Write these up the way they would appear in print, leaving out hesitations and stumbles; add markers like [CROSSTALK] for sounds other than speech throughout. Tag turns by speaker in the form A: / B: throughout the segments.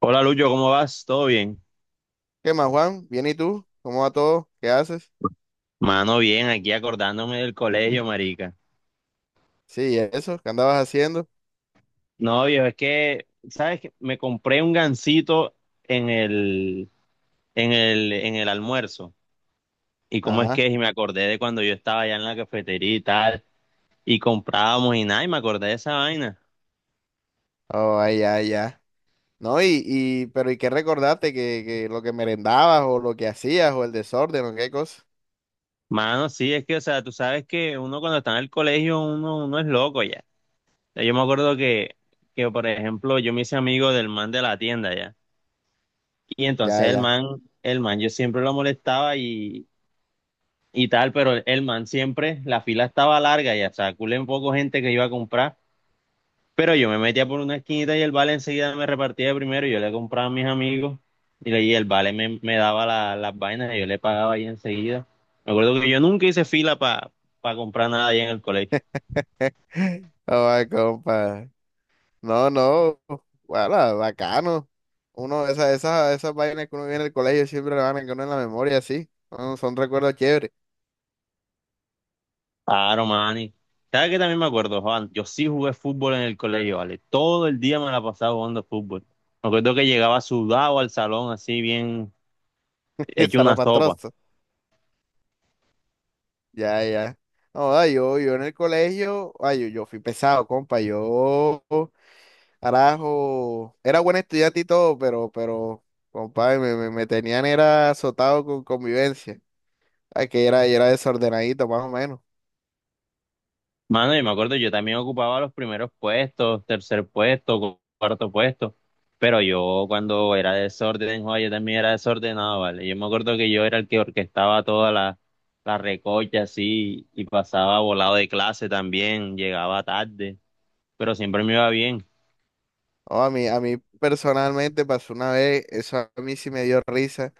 A: Hola Lucho, ¿cómo vas? ¿Todo bien?
B: ¿Qué más, Juan? ¿Bien y tú? ¿Cómo va todo? ¿Qué haces?
A: Mano, bien, aquí acordándome del colegio, marica.
B: Sí, eso, ¿qué andabas haciendo?
A: No, viejo, es que, ¿sabes qué? Me compré un gansito en el, en el almuerzo. ¿Y cómo es
B: Ajá.
A: que es? Y me acordé de cuando yo estaba allá en la cafetería y tal, y comprábamos y nada, y me acordé de esa vaina.
B: Oh, ay, ya, ya. No, pero ¿y qué recordaste? ¿Que lo que merendabas o lo que hacías o el desorden o qué cosa?
A: Mano, sí, es que, o sea, tú sabes que uno cuando está en el colegio, uno es loco ya. O sea, yo me acuerdo que, por ejemplo, yo me hice amigo del man de la tienda ya. Y
B: Ya,
A: entonces el
B: ya.
A: man, el man, yo siempre lo molestaba y tal, pero el man siempre, la fila estaba larga y hasta culé un poco gente que iba a comprar. Pero yo me metía por una esquinita y el vale enseguida me repartía de primero. Y yo le compraba a mis amigos y, y el vale me daba las vainas y yo le pagaba ahí enseguida. Me acuerdo que yo nunca hice fila para comprar nada ahí en el colegio.
B: [LAUGHS] Oh, ay, compa. No, no. Bueno, bacano. Uno, esas vainas que uno viene en el colegio siempre le van a quedar uno en la memoria, sí. Son recuerdos chéveres.
A: Claro, mani. ¿Sabes qué también me acuerdo, Juan? Yo sí jugué fútbol en el colegio, ¿vale? Todo el día me la pasaba jugando fútbol. Me acuerdo que llegaba sudado al salón, así bien
B: [LAUGHS]
A: hecho una sopa.
B: Zarapastrosos. Ya, ya. No, ah, yo en el colegio, ay, yo fui pesado, compa. Yo, carajo, era buen estudiante y todo, compa, me tenían era azotado con convivencia. Ay, que era desordenadito, más o menos.
A: Mano, y me acuerdo, yo también ocupaba los primeros puestos, tercer puesto, cuarto puesto. Pero yo cuando era desorden, Juan, yo también era desordenado, ¿vale? Yo me acuerdo que yo era el que orquestaba toda la, la recocha, así, y pasaba volado de clase también, llegaba tarde, pero siempre me iba bien.
B: No, a mí personalmente pasó una vez, eso a mí sí me dio risa,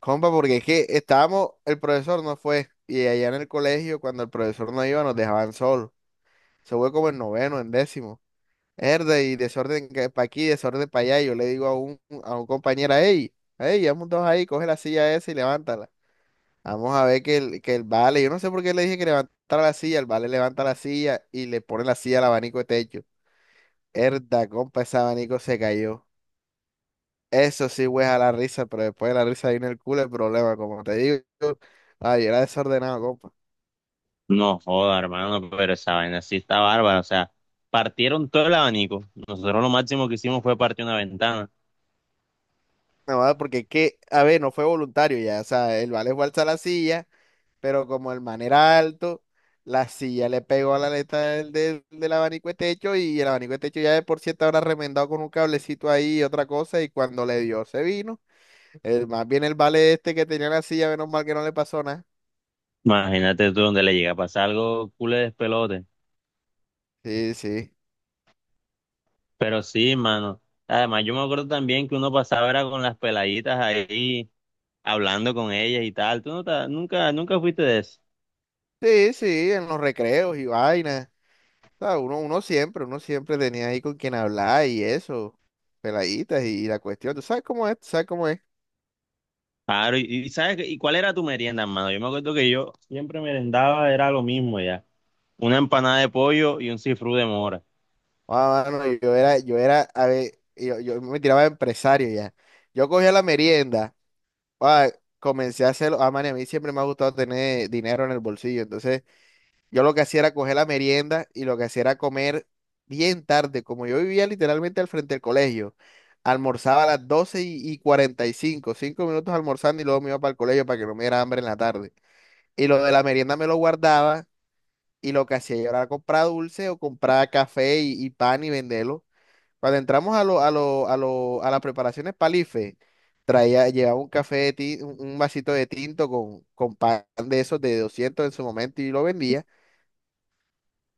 B: compa, porque es que estábamos, el profesor no fue, y allá en el colegio, cuando el profesor no iba, nos dejaban solos. Se fue como en noveno, en décimo. Herda y desorden para aquí, desorden para allá. Y yo le digo a un compañero, hey, hey, vamos dos ahí, coge la silla esa y levántala. Vamos a ver que el vale, yo no sé por qué le dije que levantara la silla, el vale levanta la silla y le pone la silla al abanico de techo. Herda, compa, ese abanico se cayó. Eso sí, a la risa, pero después de la risa viene el culo el problema, como te digo. Ay, yo era desordenado, compa.
A: No joda, hermano, pero esa vaina sí está bárbara. O sea, partieron todo el abanico. Nosotros lo máximo que hicimos fue partir una ventana.
B: No, ah, porque que, a ver, no fue voluntario ya, o sea, el vale fue a alzar la silla. Pero como el man era alto, la silla le pegó a la aleta del abanico de techo y el abanico de techo ya de por sí estaba remendado con un cablecito ahí y otra cosa y cuando le dio se vino. El, más bien el vale este que tenía la silla, menos mal que no le pasó nada.
A: Imagínate tú donde le llega a pasar algo culé de despelote.
B: Sí, sí.
A: Pero sí, mano. Además, yo me acuerdo también que uno pasaba era con las peladitas ahí, hablando con ellas y tal. Tú no te- nunca, nunca fuiste de eso.
B: Sí, sí, en los recreos y vainas. O sea, uno siempre tenía ahí con quien hablar y eso, peladitas y, la cuestión. ¿Tú sabes cómo es? ¿Tú sabes cómo es?
A: Claro, y, ¿y sabes qué? ¿Y cuál era tu merienda, hermano? Yo me acuerdo que yo siempre merendaba, era lo mismo ya. Una empanada de pollo y un cifrú de mora.
B: Ah, mano, a ver, yo me tiraba de empresario ya. Yo cogía la merienda, ah, comencé a hacerlo. Ah, man, y a mí siempre me ha gustado tener dinero en el bolsillo. Entonces, yo lo que hacía era coger la merienda y lo que hacía era comer bien tarde. Como yo vivía literalmente al frente del colegio, almorzaba a las 12 y 45, 5 minutos almorzando y luego me iba para el colegio para que no me diera hambre en la tarde. Y lo de la merienda me lo guardaba y lo que hacía yo era comprar dulce o comprar café y pan y venderlo. Cuando entramos a las preparaciones palife, llevaba un café un vasito de tinto con pan de esos de 200 en su momento y lo vendía.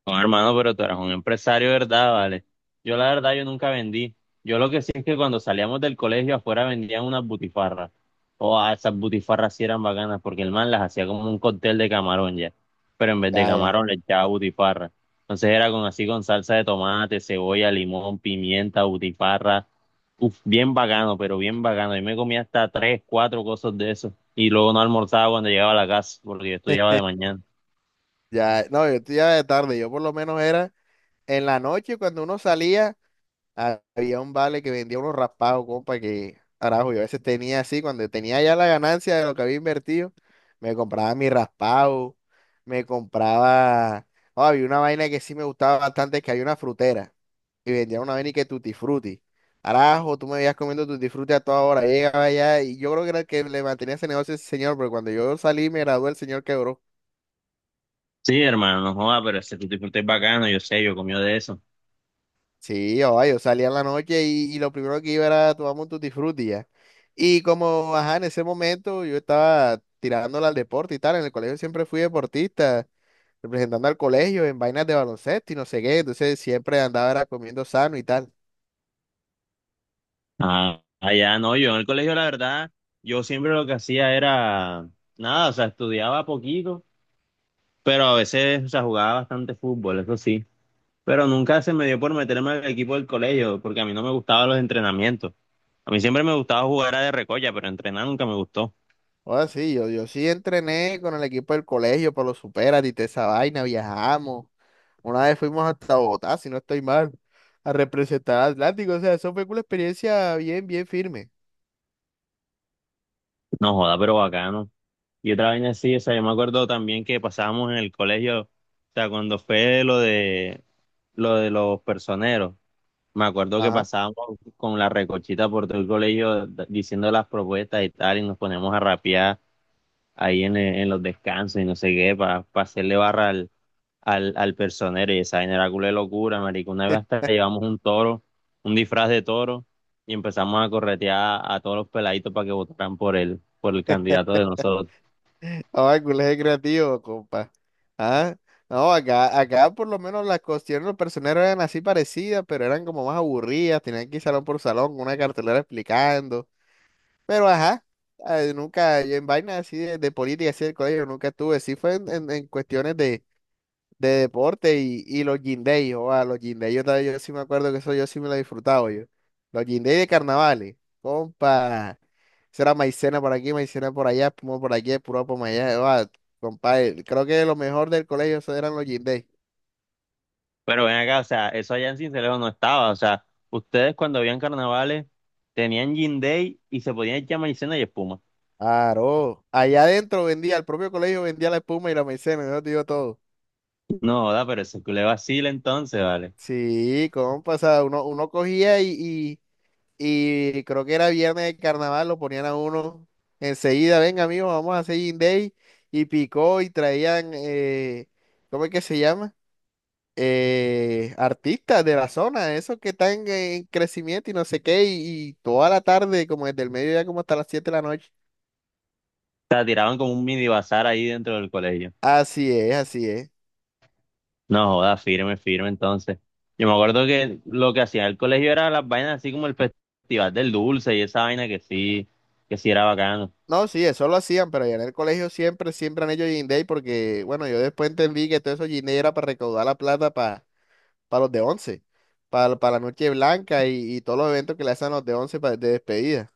A: No, hermano, pero tú eras un empresario, ¿verdad? Vale. Yo la verdad, yo nunca vendí. Yo lo que sí es que cuando salíamos del colegio afuera vendían unas butifarras. O ah, esas butifarras sí eran bacanas porque el man las hacía como un cóctel de camarón ya. Pero en vez de
B: Ya, ya,
A: camarón le echaba butifarra. Entonces era con así con salsa de tomate, cebolla, limón, pimienta, butifarra. Uf, bien bacano, pero bien bacano. Yo me comía hasta tres, cuatro cosas de eso. Y luego no almorzaba cuando llegaba a la casa porque yo estudiaba de mañana.
B: ya, no, yo estoy ya de tarde, yo por lo menos era en la noche cuando uno salía, había un vale que vendía unos raspados, compa, que, carajo, yo a veces tenía así, cuando tenía ya la ganancia de lo que había invertido, me compraba mi raspado, me compraba, oh, había una vaina que sí me gustaba bastante, que había una frutera. Y vendían una vaina y que Tutti Frutti. Carajo, tú me veías comiendo Tutti Frutti a toda hora, llegaba allá y yo creo que era el que le mantenía ese negocio ese señor, pero cuando yo salí me gradué, el señor quebró.
A: Sí, hermano, no joda, pero ese tutti frutti es bacano, yo sé, yo comí de eso.
B: Sí, oh, yo salía en la noche y lo primero que iba era tomamos un Tutti Frutti ya. Y como, ajá, en ese momento yo estaba tirándole al deporte y tal, en el colegio siempre fui deportista, representando al colegio en vainas de baloncesto y no sé qué, entonces siempre andaba era comiendo sano y tal.
A: Ah, allá no, yo en el colegio, la verdad, yo siempre lo que hacía era nada, o sea, estudiaba poquito, pero a veces, o sea, jugaba bastante fútbol, eso sí. Pero nunca se me dio por meterme al equipo del colegio, porque a mí no me gustaban los entrenamientos. A mí siempre me gustaba jugar a de recolla, pero entrenar nunca me gustó.
B: Ahora sí, yo sí entrené con el equipo del colegio para los superas y toda esa vaina, viajamos. Una vez fuimos hasta Bogotá, si no estoy mal, a representar a Atlántico. O sea, eso fue una experiencia bien, bien firme.
A: No joda, pero bacano. Y otra vaina así, o sea, yo me acuerdo también que pasábamos en el colegio, o sea, cuando fue lo de los personeros. Me acuerdo que
B: Ajá.
A: pasábamos con la recochita por todo el colegio diciendo las propuestas y tal, y nos poníamos a rapear ahí en los descansos y no sé qué, para hacerle barra al personero. Y esa vaina era culo de locura, marico. Una vez hasta llevamos un toro, un disfraz de toro, y empezamos a corretear a todos los peladitos para que votaran por él, por el candidato de nosotros.
B: Ahora, el colegio creativo, compa. Ah, no, acá, acá por lo menos las cuestiones de los personeros eran así parecidas, pero eran como más aburridas, tenían que ir salón por salón con una cartelera explicando. Pero ajá, nunca, yo en vainas así de política así del colegio nunca estuve, sí fue en cuestiones de deporte y los guindey, o a los guindey, yo, yo sí me acuerdo que eso yo sí me lo he disfrutado yo. Los guindey de carnavales, compa, eso era maicena por aquí, maicena por allá, espuma por aquí, puro por allá, oa, compa, creo que lo mejor del colegio eso eran los guindey.
A: Pero ven acá, o sea, eso allá en Cincelejo no estaba. O sea, ustedes cuando habían carnavales tenían Gin Day y se podían echar maicena y espuma.
B: Claro, allá adentro vendía, el propio colegio vendía la espuma y la maicena, yo te digo todo.
A: No, joda, pero eso le vacila entonces, vale. O
B: Sí, compa, o sea, uno cogía y Y creo que era viernes de carnaval, lo ponían a uno enseguida, venga amigos, vamos a hacer Gin Day. Y picó y traían, ¿cómo es que se llama? Artistas de la zona, esos que están en crecimiento y no sé qué, y toda la tarde, como desde el mediodía como hasta las 7 de la noche.
A: sea, tiraban como un mini bazar ahí dentro del colegio.
B: Así es, así es.
A: No, joda, firme, firme entonces. Yo me acuerdo que lo que hacía el colegio era las vainas así como el Festival del Dulce y esa vaina que sí era bacano.
B: No, sí, eso lo hacían, pero allá en el colegio siempre, siempre han hecho Gin Day porque, bueno, yo después entendí que todo eso Gin Day era para recaudar la plata para los de once, para la Noche Blanca y todos los eventos que le hacen a los de once para, de despedida.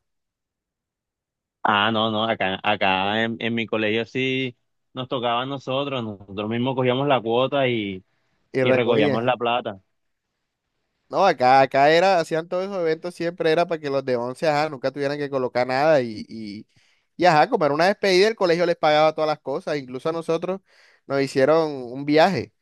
A: Ah, no, no, acá, en mi colegio sí nos tocaba a nosotros, nosotros mismos cogíamos la cuota
B: Y
A: y
B: recogían.
A: recogíamos la plata.
B: No, acá era, hacían todos esos eventos, siempre era para que los de once, ajá, nunca tuvieran que colocar nada y ajá, como era una despedida, el colegio les pagaba todas las cosas, incluso a nosotros nos hicieron un viaje.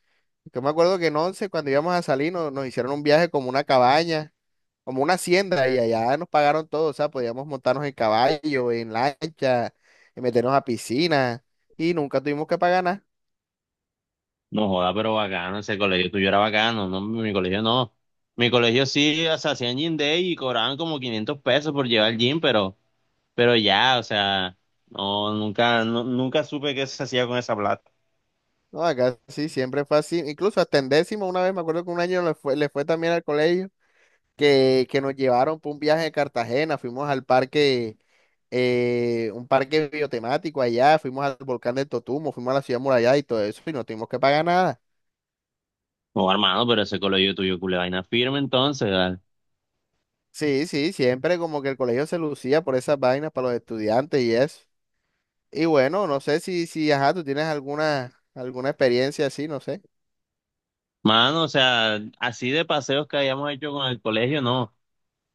B: Yo me acuerdo que en once, cuando íbamos a salir, nos hicieron un viaje como una cabaña como una hacienda y allá nos pagaron todo, o sea, podíamos montarnos en caballo, en lancha, y meternos a piscina y nunca tuvimos que pagar nada.
A: No joda, pero bacano, ese colegio tuyo era bacano, no, mi colegio no. Mi colegio sí, o sea, hacían gym day y cobraban como 500 pesos por llevar gym, pero ya, o sea, no, nunca, nunca supe qué se hacía con esa plata.
B: No, acá sí, siempre fue así. Incluso hasta en décimo, una vez me acuerdo que un año le fue también al colegio, que nos llevaron por un viaje a Cartagena, fuimos al parque, un parque biotemático allá, fuimos al volcán del Totumo, fuimos a la ciudad murallada y todo eso, y no tuvimos que pagar nada.
A: No, hermano, pero ese colegio tuyo, culé vaina firme entonces, ¿vale?
B: Sí, sí, siempre como que el colegio se lucía por esas vainas para los estudiantes y eso. Y bueno, no sé si, si, ajá, tú tienes alguna experiencia así, no sé.
A: Mano, o sea, así de paseos que habíamos hecho con el colegio, no.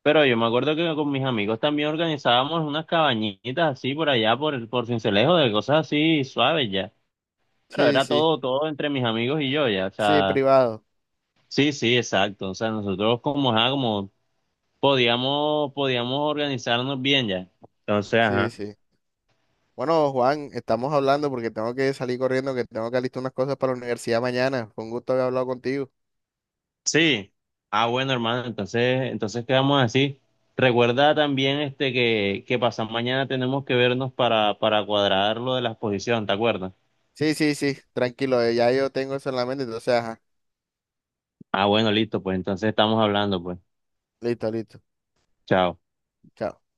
A: Pero yo me acuerdo que con mis amigos también organizábamos unas cabañitas así por allá, por Sincelejo, de cosas así suaves ya. Pero
B: Sí,
A: era
B: sí,
A: todo, todo entre mis amigos y yo, ya, o
B: sí,
A: sea,
B: privado.
A: sí, sí, exacto, o sea, nosotros como, ajá, como podíamos organizarnos bien ya, entonces,
B: Sí,
A: ajá,
B: sí. Bueno, Juan, estamos hablando porque tengo que salir corriendo, que tengo que alistar unas cosas para la universidad mañana. Fue un gusto haber hablado contigo.
A: sí, ah, bueno, hermano, entonces quedamos así, recuerda también, este, que pasado mañana tenemos que vernos para cuadrar lo de la exposición, ¿te acuerdas?
B: Sí, sí, sí, tranquilo, ya yo tengo eso en la mente, entonces, ajá,
A: Ah, bueno, listo, pues, entonces estamos hablando, pues,
B: listo, listo.
A: chao.
B: Chao.